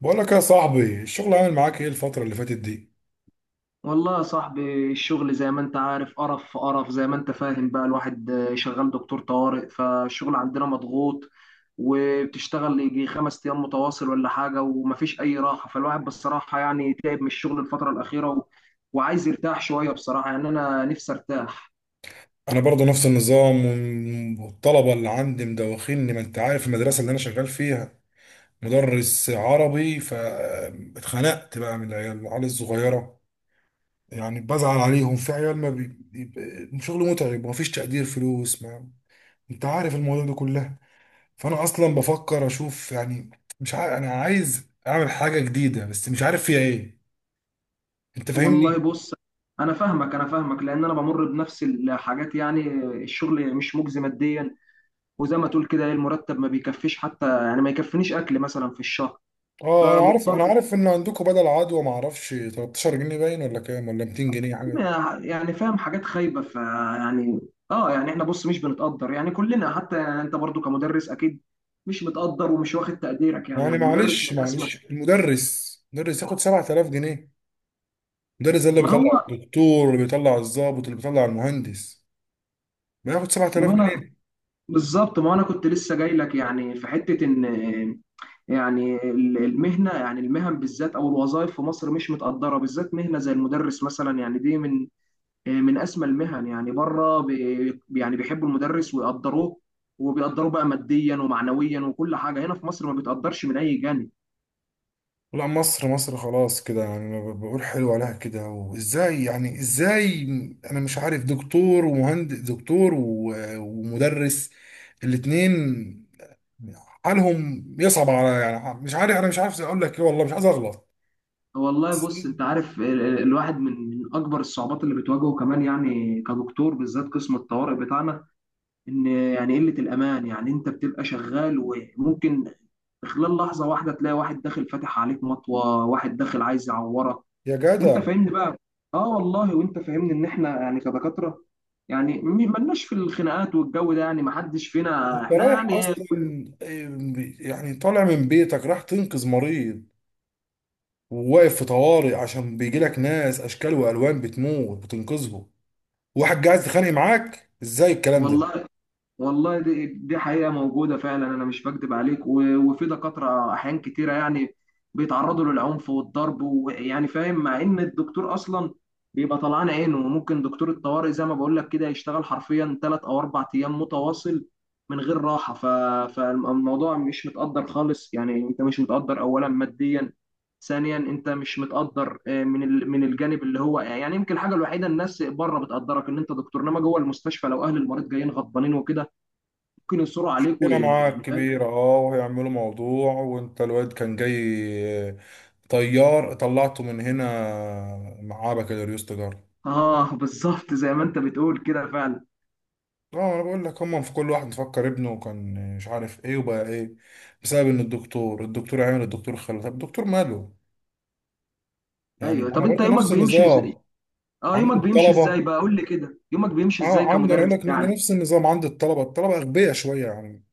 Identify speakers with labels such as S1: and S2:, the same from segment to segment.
S1: بقول لك يا صاحبي، الشغل عامل معاك ايه الفترة اللي فاتت دي؟
S2: والله يا صاحبي، الشغل زي ما انت عارف قرف في قرف، زي ما انت فاهم بقى، الواحد شغال دكتور طوارئ، فالشغل عندنا مضغوط. وبتشتغل يجي 5 ايام متواصل ولا حاجة، ومفيش اي راحة، فالواحد بصراحة يعني تعب من الشغل الفترة الأخيرة، وعايز يرتاح شوية، بصراحة يعني انا نفسي ارتاح.
S1: أنا برضه نفس النظام والطلبة اللي عندي مدوخيني، ما أنت عارف المدرسة اللي أنا شغال فيها مدرس عربي. فاتخنقت بقى من العيال الصغيرة، يعني بزعل عليهم. في عيال ما بي... بي- شغل متعب ومفيش تقدير، فلوس ما أنت عارف الموضوع ده كله. فأنا أصلا بفكر أشوف يعني، مش عارف، أنا عايز أعمل حاجة جديدة بس مش عارف فيها إيه. أنت
S2: والله
S1: فاهمني؟
S2: بص، انا فاهمك، انا فاهمك، لان انا بمر بنفس الحاجات يعني. الشغل مش مجزي ماديا، وزي ما تقول كده، ايه المرتب ما بيكفيش، حتى يعني ما يكفينيش اكل مثلا في الشهر.
S1: اه، انا عارف،
S2: فمضطر،
S1: ان عندكم بدل عدوى، ما اعرفش 13 جنيه باين، ولا كام، ولا 200 جنيه حاجه.
S2: يعني فاهم، حاجات خايبه، فيعني. اه، يعني احنا بص مش بنتقدر يعني، كلنا حتى يعني، انت برضو كمدرس اكيد مش متقدر ومش واخد تقديرك، يعني
S1: يعني
S2: المدرس
S1: معلش
S2: من اسمى.
S1: معلش، المدرس مدرس ياخد 7000 جنيه. المدرس ده اللي
S2: ما
S1: بيطلع
S2: هو
S1: الدكتور، اللي بيطلع الضابط، اللي بيطلع المهندس، بياخد
S2: ما هو
S1: 7000
S2: انا،
S1: جنيه
S2: بالظبط، ما هو انا كنت لسه جاي لك يعني في حته ان، يعني المهنه، يعني المهن بالذات او الوظائف في مصر مش متقدره، بالذات مهنه زي المدرس مثلا، يعني دي من من اسمى المهن، يعني بره يعني بيحبوا المدرس ويقدروه، وبيقدروه بقى ماديا ومعنويا، وكل حاجه هنا في مصر ما بيتقدرش من اي جانب.
S1: لا، مصر مصر خلاص كده، يعني أنا بقول حلو عليها كده. وازاي يعني، ازاي، انا مش عارف. دكتور ومهندس، دكتور ومدرس، الاتنين حالهم يصعب على. يعني مش عارف، انا مش عارف اقول لك ايه، والله مش عايز اغلط.
S2: والله
S1: بس
S2: بص، انت عارف الواحد، من اكبر الصعوبات اللي بتواجهه كمان يعني كدكتور، بالذات قسم الطوارئ بتاعنا، ان يعني قله الامان، يعني انت بتبقى شغال وممكن في خلال لحظه واحده تلاقي واحد داخل فاتح عليك مطوه، واحد داخل عايز يعورك،
S1: يا
S2: وانت
S1: جدع،
S2: فاهمني بقى. اه والله، وانت فاهمني ان احنا يعني كدكاتره، يعني ملناش في الخناقات والجو ده، يعني ما حدش فينا
S1: انت
S2: احنا،
S1: رايح
S2: يعني
S1: اصلا، آه، يعني طالع من بيتك راح تنقذ مريض، وواقف في طوارئ عشان بيجي لك ناس اشكال والوان بتموت بتنقذهم، واحد جاهز تخانق معاك. ازاي الكلام ده؟
S2: والله. والله دي حقيقة موجودة فعلا، أنا مش بكدب عليك، وفي دكاترة أحيان كتيرة يعني بيتعرضوا للعنف والضرب، ويعني فاهم، مع إن الدكتور أصلا بيبقى طلعان عينه، وممكن دكتور الطوارئ زي ما بقول لك كده يشتغل حرفيا 3 أو 4 أيام متواصل من غير راحة، فالموضوع مش متقدر خالص، يعني أنت مش متقدر، أولا ماديا، ثانيا انت مش متقدر، من من الجانب اللي هو يعني يمكن الحاجه الوحيده، الناس بره بتقدرك ان انت دكتور، انما جوه المستشفى لو اهل المريض جايين غضبانين وكده ممكن يصروا عليك،
S1: كده معاك
S2: ويعني فاهم.
S1: كبير. اه، وهيعملوا موضوع، وانت الواد كان جاي طيار طلعته من هنا، معاه بكالوريوس تجارة.
S2: اه، بالظبط زي ما انت بتقول كده فعلا.
S1: اه انا بقول لك، هم في كل واحد مفكر ابنه كان مش عارف ايه وبقى ايه، بسبب ان الدكتور. عامل الدكتور، خلى طب الدكتور ماله. يعني
S2: ايوه،
S1: انا
S2: طب انت
S1: برضو
S2: يومك
S1: نفس
S2: بيمشي ازاي؟
S1: النظام
S2: اه،
S1: عند
S2: يومك بيمشي ازاي
S1: الطلبة.
S2: بقى؟ قول لي كده، يومك بيمشي
S1: اه
S2: ازاي
S1: عندي، انا اقول
S2: كمدرس
S1: لك إن انا
S2: يعني؟
S1: نفس النظام عند الطلبة. الطلبة اغبياء شوية يعني،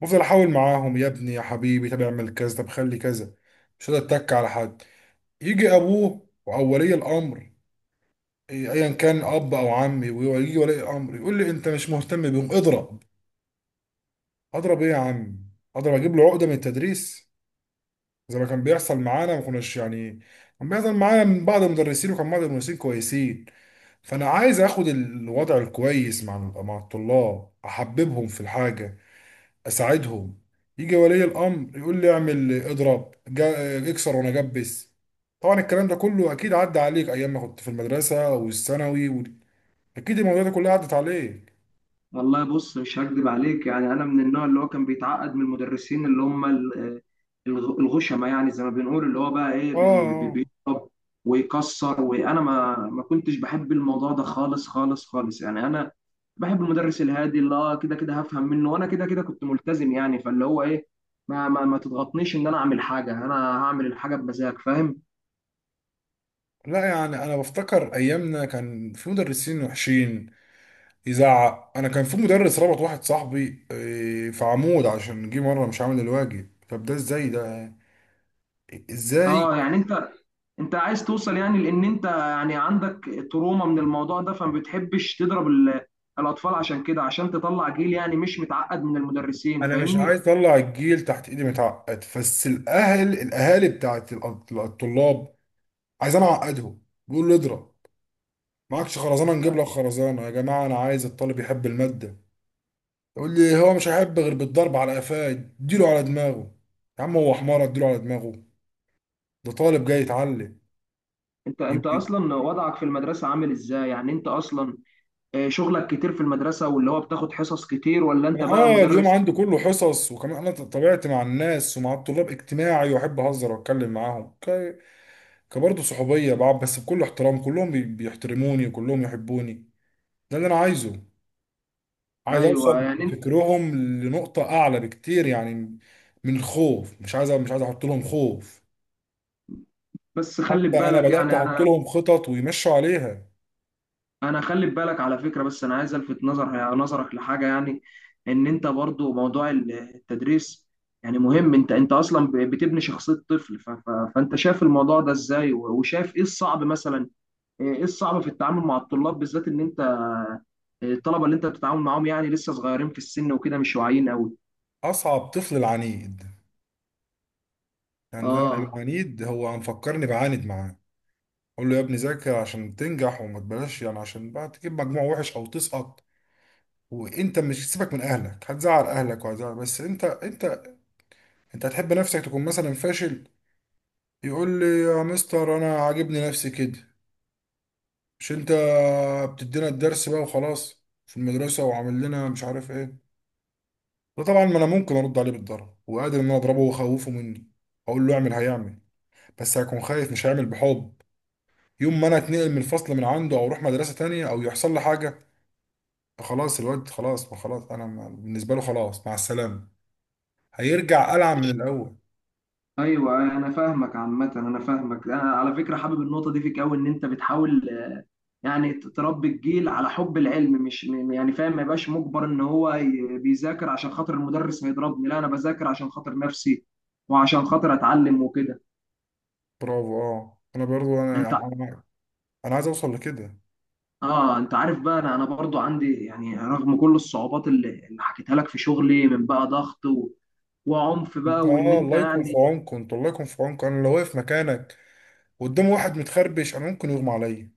S1: بفضل احاول معاهم، يا ابني يا حبيبي طب اعمل كذا، طب خلي كذا. مش قادر اتك على حد. يجي ابوه او ولي الامر، ايا كان اب او عمي، ويجي ولي الامر يقول لي انت مش مهتم بيهم، اضرب. اضرب ايه يا عم؟ اضرب اجيب له عقده من التدريس؟ زي ما كان بيحصل معانا. ما كناش يعني، كان بيحصل معانا من بعض المدرسين، وكان بعض المدرسين كويسين. فانا عايز اخد الوضع الكويس مع الطلاب، احببهم في الحاجه، اساعدهم. يجي ولي الامر يقول لي اعمل، اضرب، اكسر، وانا جبس. طبعا الكلام ده كله اكيد عدى عليك ايام ما كنت في المدرسه والثانوي اكيد المواضيع دي كلها عدت عليك.
S2: والله بص، مش هكدب عليك، يعني انا من النوع اللي هو كان بيتعقد من المدرسين، اللي هم الغشمه، يعني زي ما بنقول، اللي هو بقى ايه،
S1: اه.
S2: بيضرب ويكسر، وانا ما كنتش بحب الموضوع ده خالص خالص خالص، يعني انا بحب المدرس الهادي، اللي كده كده هفهم منه، وانا كده كده كنت ملتزم، يعني فاللي هو ايه، ما تضغطنيش ان انا اعمل حاجه، انا هعمل الحاجه بمزاج، فاهم.
S1: لا يعني انا بفتكر ايامنا كان في مدرسين وحشين، يزعق. انا كان في مدرس ربط واحد صاحبي في عمود عشان جه مره مش عامل الواجب. طب ده ازاي ده؟ ازاي؟
S2: اه، يعني انت عايز توصل يعني، لان انت يعني عندك تروما من الموضوع ده، فما بتحبش تضرب الاطفال، عشان كده، عشان تطلع جيل يعني مش متعقد من المدرسين،
S1: انا مش
S2: فاهمني.
S1: عايز اطلع الجيل تحت ايدي متعقد، بس الاهل، الاهالي بتاعت الطلاب عايزين اعقدهم. بيقول له اضرب، معكش خرزانه نجيب لك خرزانه. يا جماعه، انا عايز الطالب يحب الماده. يقول لي هو مش هيحب غير بالضرب. على قفاه اديله، على دماغه. يا عم هو حمار اديله على دماغه؟ ده طالب جاي يتعلم.
S2: انت
S1: يمكن،
S2: اصلا وضعك في المدرسة عامل ازاي؟ يعني انت اصلا، شغلك كتير في المدرسة، واللي هو بتاخد حصص كتير، ولا انت
S1: انا
S2: بقى
S1: اه اليوم
S2: مدرس؟
S1: عندي كله حصص، وكمان انا طبيعتي مع الناس ومع الطلاب اجتماعي، واحب اهزر واتكلم معاهم كبرضه صحوبية بقى، بس بكل احترام. كلهم بيحترموني وكلهم يحبوني. ده اللي أنا عايزه. عايز أوصل
S2: ايوه، يعني انت،
S1: بفكرهم لنقطة أعلى بكتير يعني، من الخوف. مش عايز أحط لهم خوف،
S2: بس خلي
S1: حتى أنا
S2: بالك
S1: بدأت
S2: يعني.
S1: أحط لهم خطط ويمشوا عليها.
S2: انا خلي بالك على فكره، بس انا عايز الفت نظرك لحاجه يعني، ان انت برضو موضوع التدريس يعني مهم، انت اصلا بتبني شخصيه طفل، فانت شايف الموضوع ده ازاي، وشايف ايه الصعب مثلا، ايه الصعب في التعامل مع الطلاب؟ بالذات ان انت الطلبه اللي انت بتتعامل معاهم يعني لسه صغيرين في السن وكده، مش واعيين قوي.
S1: أصعب طفل العنيد، يعني ده
S2: اه،
S1: العنيد هو مفكرني بعاند معاه. أقول له يا ابني ذاكر عشان تنجح، وما تبلاش يعني، عشان بقى تجيب مجموع وحش أو تسقط. وانت مش سيبك من اهلك، هتزعل اهلك، وهتزعل. بس انت انت هتحب نفسك تكون مثلا فاشل؟ يقول لي يا مستر انا عاجبني نفسي كده. مش انت بتدينا الدرس بقى وخلاص في المدرسة، وعامل لنا مش عارف ايه. ده طبعا، ما انا ممكن ارد عليه بالضرب، وقادر ان انا اضربه واخوفه مني، اقول له اعمل هيعمل. بس هيكون خايف، مش هيعمل بحب. يوم ما انا اتنقل من الفصل من عنده، او اروح مدرسة تانية، او يحصل لي حاجة، خلاص الواد خلاص. ما خلاص، انا بالنسبة له خلاص، مع السلامة، هيرجع ألعب من الاول.
S2: ايوه، انا فاهمك عامه، انا فاهمك، انا على فكره حابب النقطه دي فيك قوي، ان انت بتحاول، يعني تربي الجيل على حب العلم، مش يعني فاهم، ما يبقاش مجبر ان هو بيذاكر عشان خاطر المدرس هيضربني، لا انا بذاكر عشان خاطر نفسي، وعشان خاطر اتعلم وكده.
S1: برافو. اه انا برضو انا
S2: انت،
S1: يعني انا أنا عايز اوصل لكده.
S2: اه انت عارف بقى، انا برضو عندي يعني، رغم كل الصعوبات اللي حكيتها لك في شغلي من بقى ضغط، وعنف
S1: انت،
S2: بقى، وان
S1: اه،
S2: انت
S1: الله يكون في
S2: يعني.
S1: عونكم، انا لو واقف مكانك قدام واحد متخربش، انا ممكن يغمى عليا.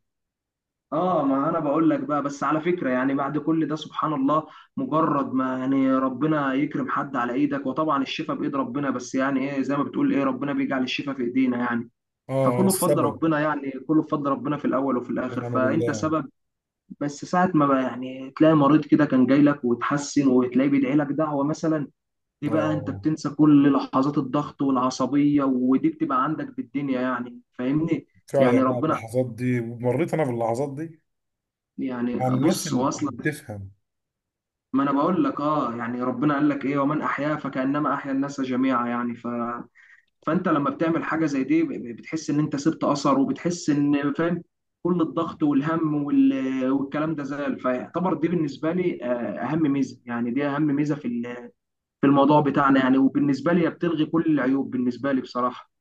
S2: اه، ما انا بقول لك بقى، بس على فكره يعني بعد كل ده سبحان الله، مجرد ما يعني ربنا يكرم حد على ايدك، وطبعا الشفاء بايد ربنا، بس يعني ايه زي ما بتقول، ايه ربنا بيجعل الشفاء في ايدينا يعني،
S1: اه،
S2: فكله بفضل
S1: السبب،
S2: ربنا يعني، كله بفضل ربنا في الاول وفي الاخر،
S1: ونعم
S2: فانت
S1: بالله.
S2: سبب. بس ساعه ما بقى يعني تلاقي مريض كده كان جاي لك وتحسن، وتلاقيه بيدعي لك دعوه مثلا، دي بقى انت
S1: اه
S2: بتنسى كل لحظات الضغط والعصبيه، ودي بتبقى عندك بالدنيا يعني، فاهمني.
S1: فعلا،
S2: يعني
S1: انا
S2: ربنا،
S1: اللحظات دي مريت انا باللحظات دي
S2: يعني
S1: مع الناس
S2: بص هو
S1: اللي
S2: اصلا،
S1: بتفهم.
S2: ما انا بقول لك، يعني ربنا قال لك ايه، ومن احياها فكانما احيا الناس جميعا، يعني ف فانت لما بتعمل حاجه زي دي بتحس ان انت سبت اثر، وبتحس ان فاهم، كل الضغط والهم والكلام ده زال، فيعتبر دي بالنسبه لي، اهم ميزه يعني، دي اهم ميزه في في الموضوع بتاعنا يعني، وبالنسبه لي هي بتلغي كل العيوب بالنسبه لي بصراحه.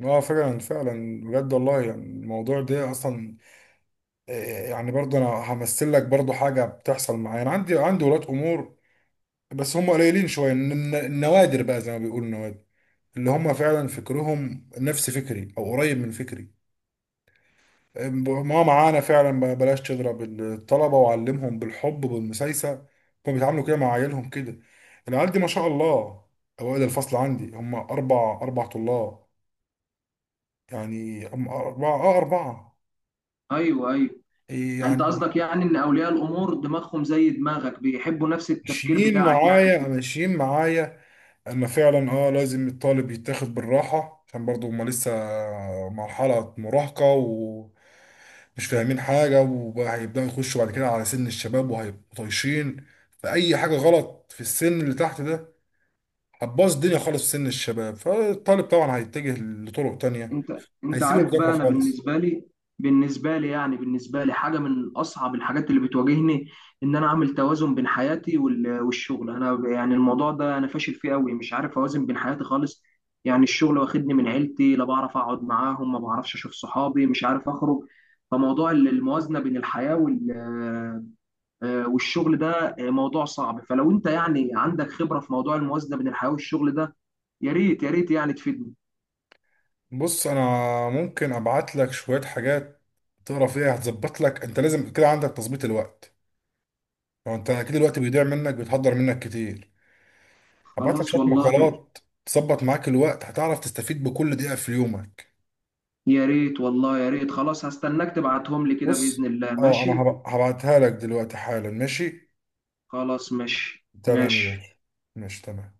S1: اه فعلا فعلا بجد والله، يعني الموضوع ده اصلا، يعني برضه انا همثل لك برضه حاجه بتحصل معايا. انا عندي ولاد امور، بس هم قليلين شويه، النوادر بقى، زي ما بيقولوا النوادر، اللي هم فعلا فكرهم نفس فكري او قريب من فكري، ما معانا فعلا. بلاش تضرب الطلبة، وعلمهم بالحب بالمسايسة. كانوا بيتعاملوا كده مع عيالهم، كده العيال دي ما شاء الله أوائل الفصل عندي. هم أربع طلاب، يعني هم أربعة
S2: ايوه، ايوه، انت
S1: يعني.
S2: قصدك يعني ان اولياء الامور دماغهم زي دماغك، بيحبوا نفس التفكير
S1: ماشيين
S2: بتاعك يعني
S1: معايا
S2: وكده.
S1: ماشيين معايا ان فعلا اه لازم الطالب يتاخد بالراحه، عشان برضو هما لسه مرحله مراهقه، ومش فاهمين حاجه، وبقى هيبداوا يخشوا بعد كده على سن الشباب، وهيبقوا طايشين. فاي حاجه غلط في السن اللي تحت ده هتبوظ الدنيا خالص في سن الشباب، فالطالب طبعا هيتجه لطرق تانية،
S2: انت
S1: هيسيب
S2: عارف
S1: المذاكره
S2: بقى، انا
S1: خالص.
S2: بالنسبه لي يعني، بالنسبه لي حاجه من اصعب الحاجات اللي بتواجهني، ان انا اعمل توازن بين حياتي والشغل، انا يعني الموضوع ده انا فاشل فيه قوي، مش عارف اوازن بين حياتي خالص، يعني الشغل واخدني من عيلتي، لا بعرف اقعد معاهم، ما بعرفش اشوف صحابي، مش عارف اخرج، فموضوع الموازنه بين الحياه والشغل ده، موضوع صعب. فلو انت يعني عندك خبره في موضوع الموازنه بين الحياه والشغل ده، يا ريت يا ريت يعني تفيدني.
S1: بص انا ممكن ابعت لك شويه حاجات تقرا فيها، هتظبط لك. انت لازم كده عندك تظبيط الوقت، لو انت اكيد الوقت بيضيع منك، بيتحضر منك كتير. هبعت لك
S2: خلاص
S1: شويه
S2: والله.
S1: مقالات تظبط معاك الوقت، هتعرف تستفيد بكل دقيقه في يومك.
S2: يا ريت، والله، يا ريت. خلاص هستناك تبعتهم لي كده، بإذن
S1: بص،
S2: الله.
S1: اه انا
S2: ماشي.
S1: هبعتها لك دلوقتي حالا. ماشي،
S2: خلاص ماشي،
S1: تمام يا
S2: ماشي.
S1: باشا، ماشي تمام.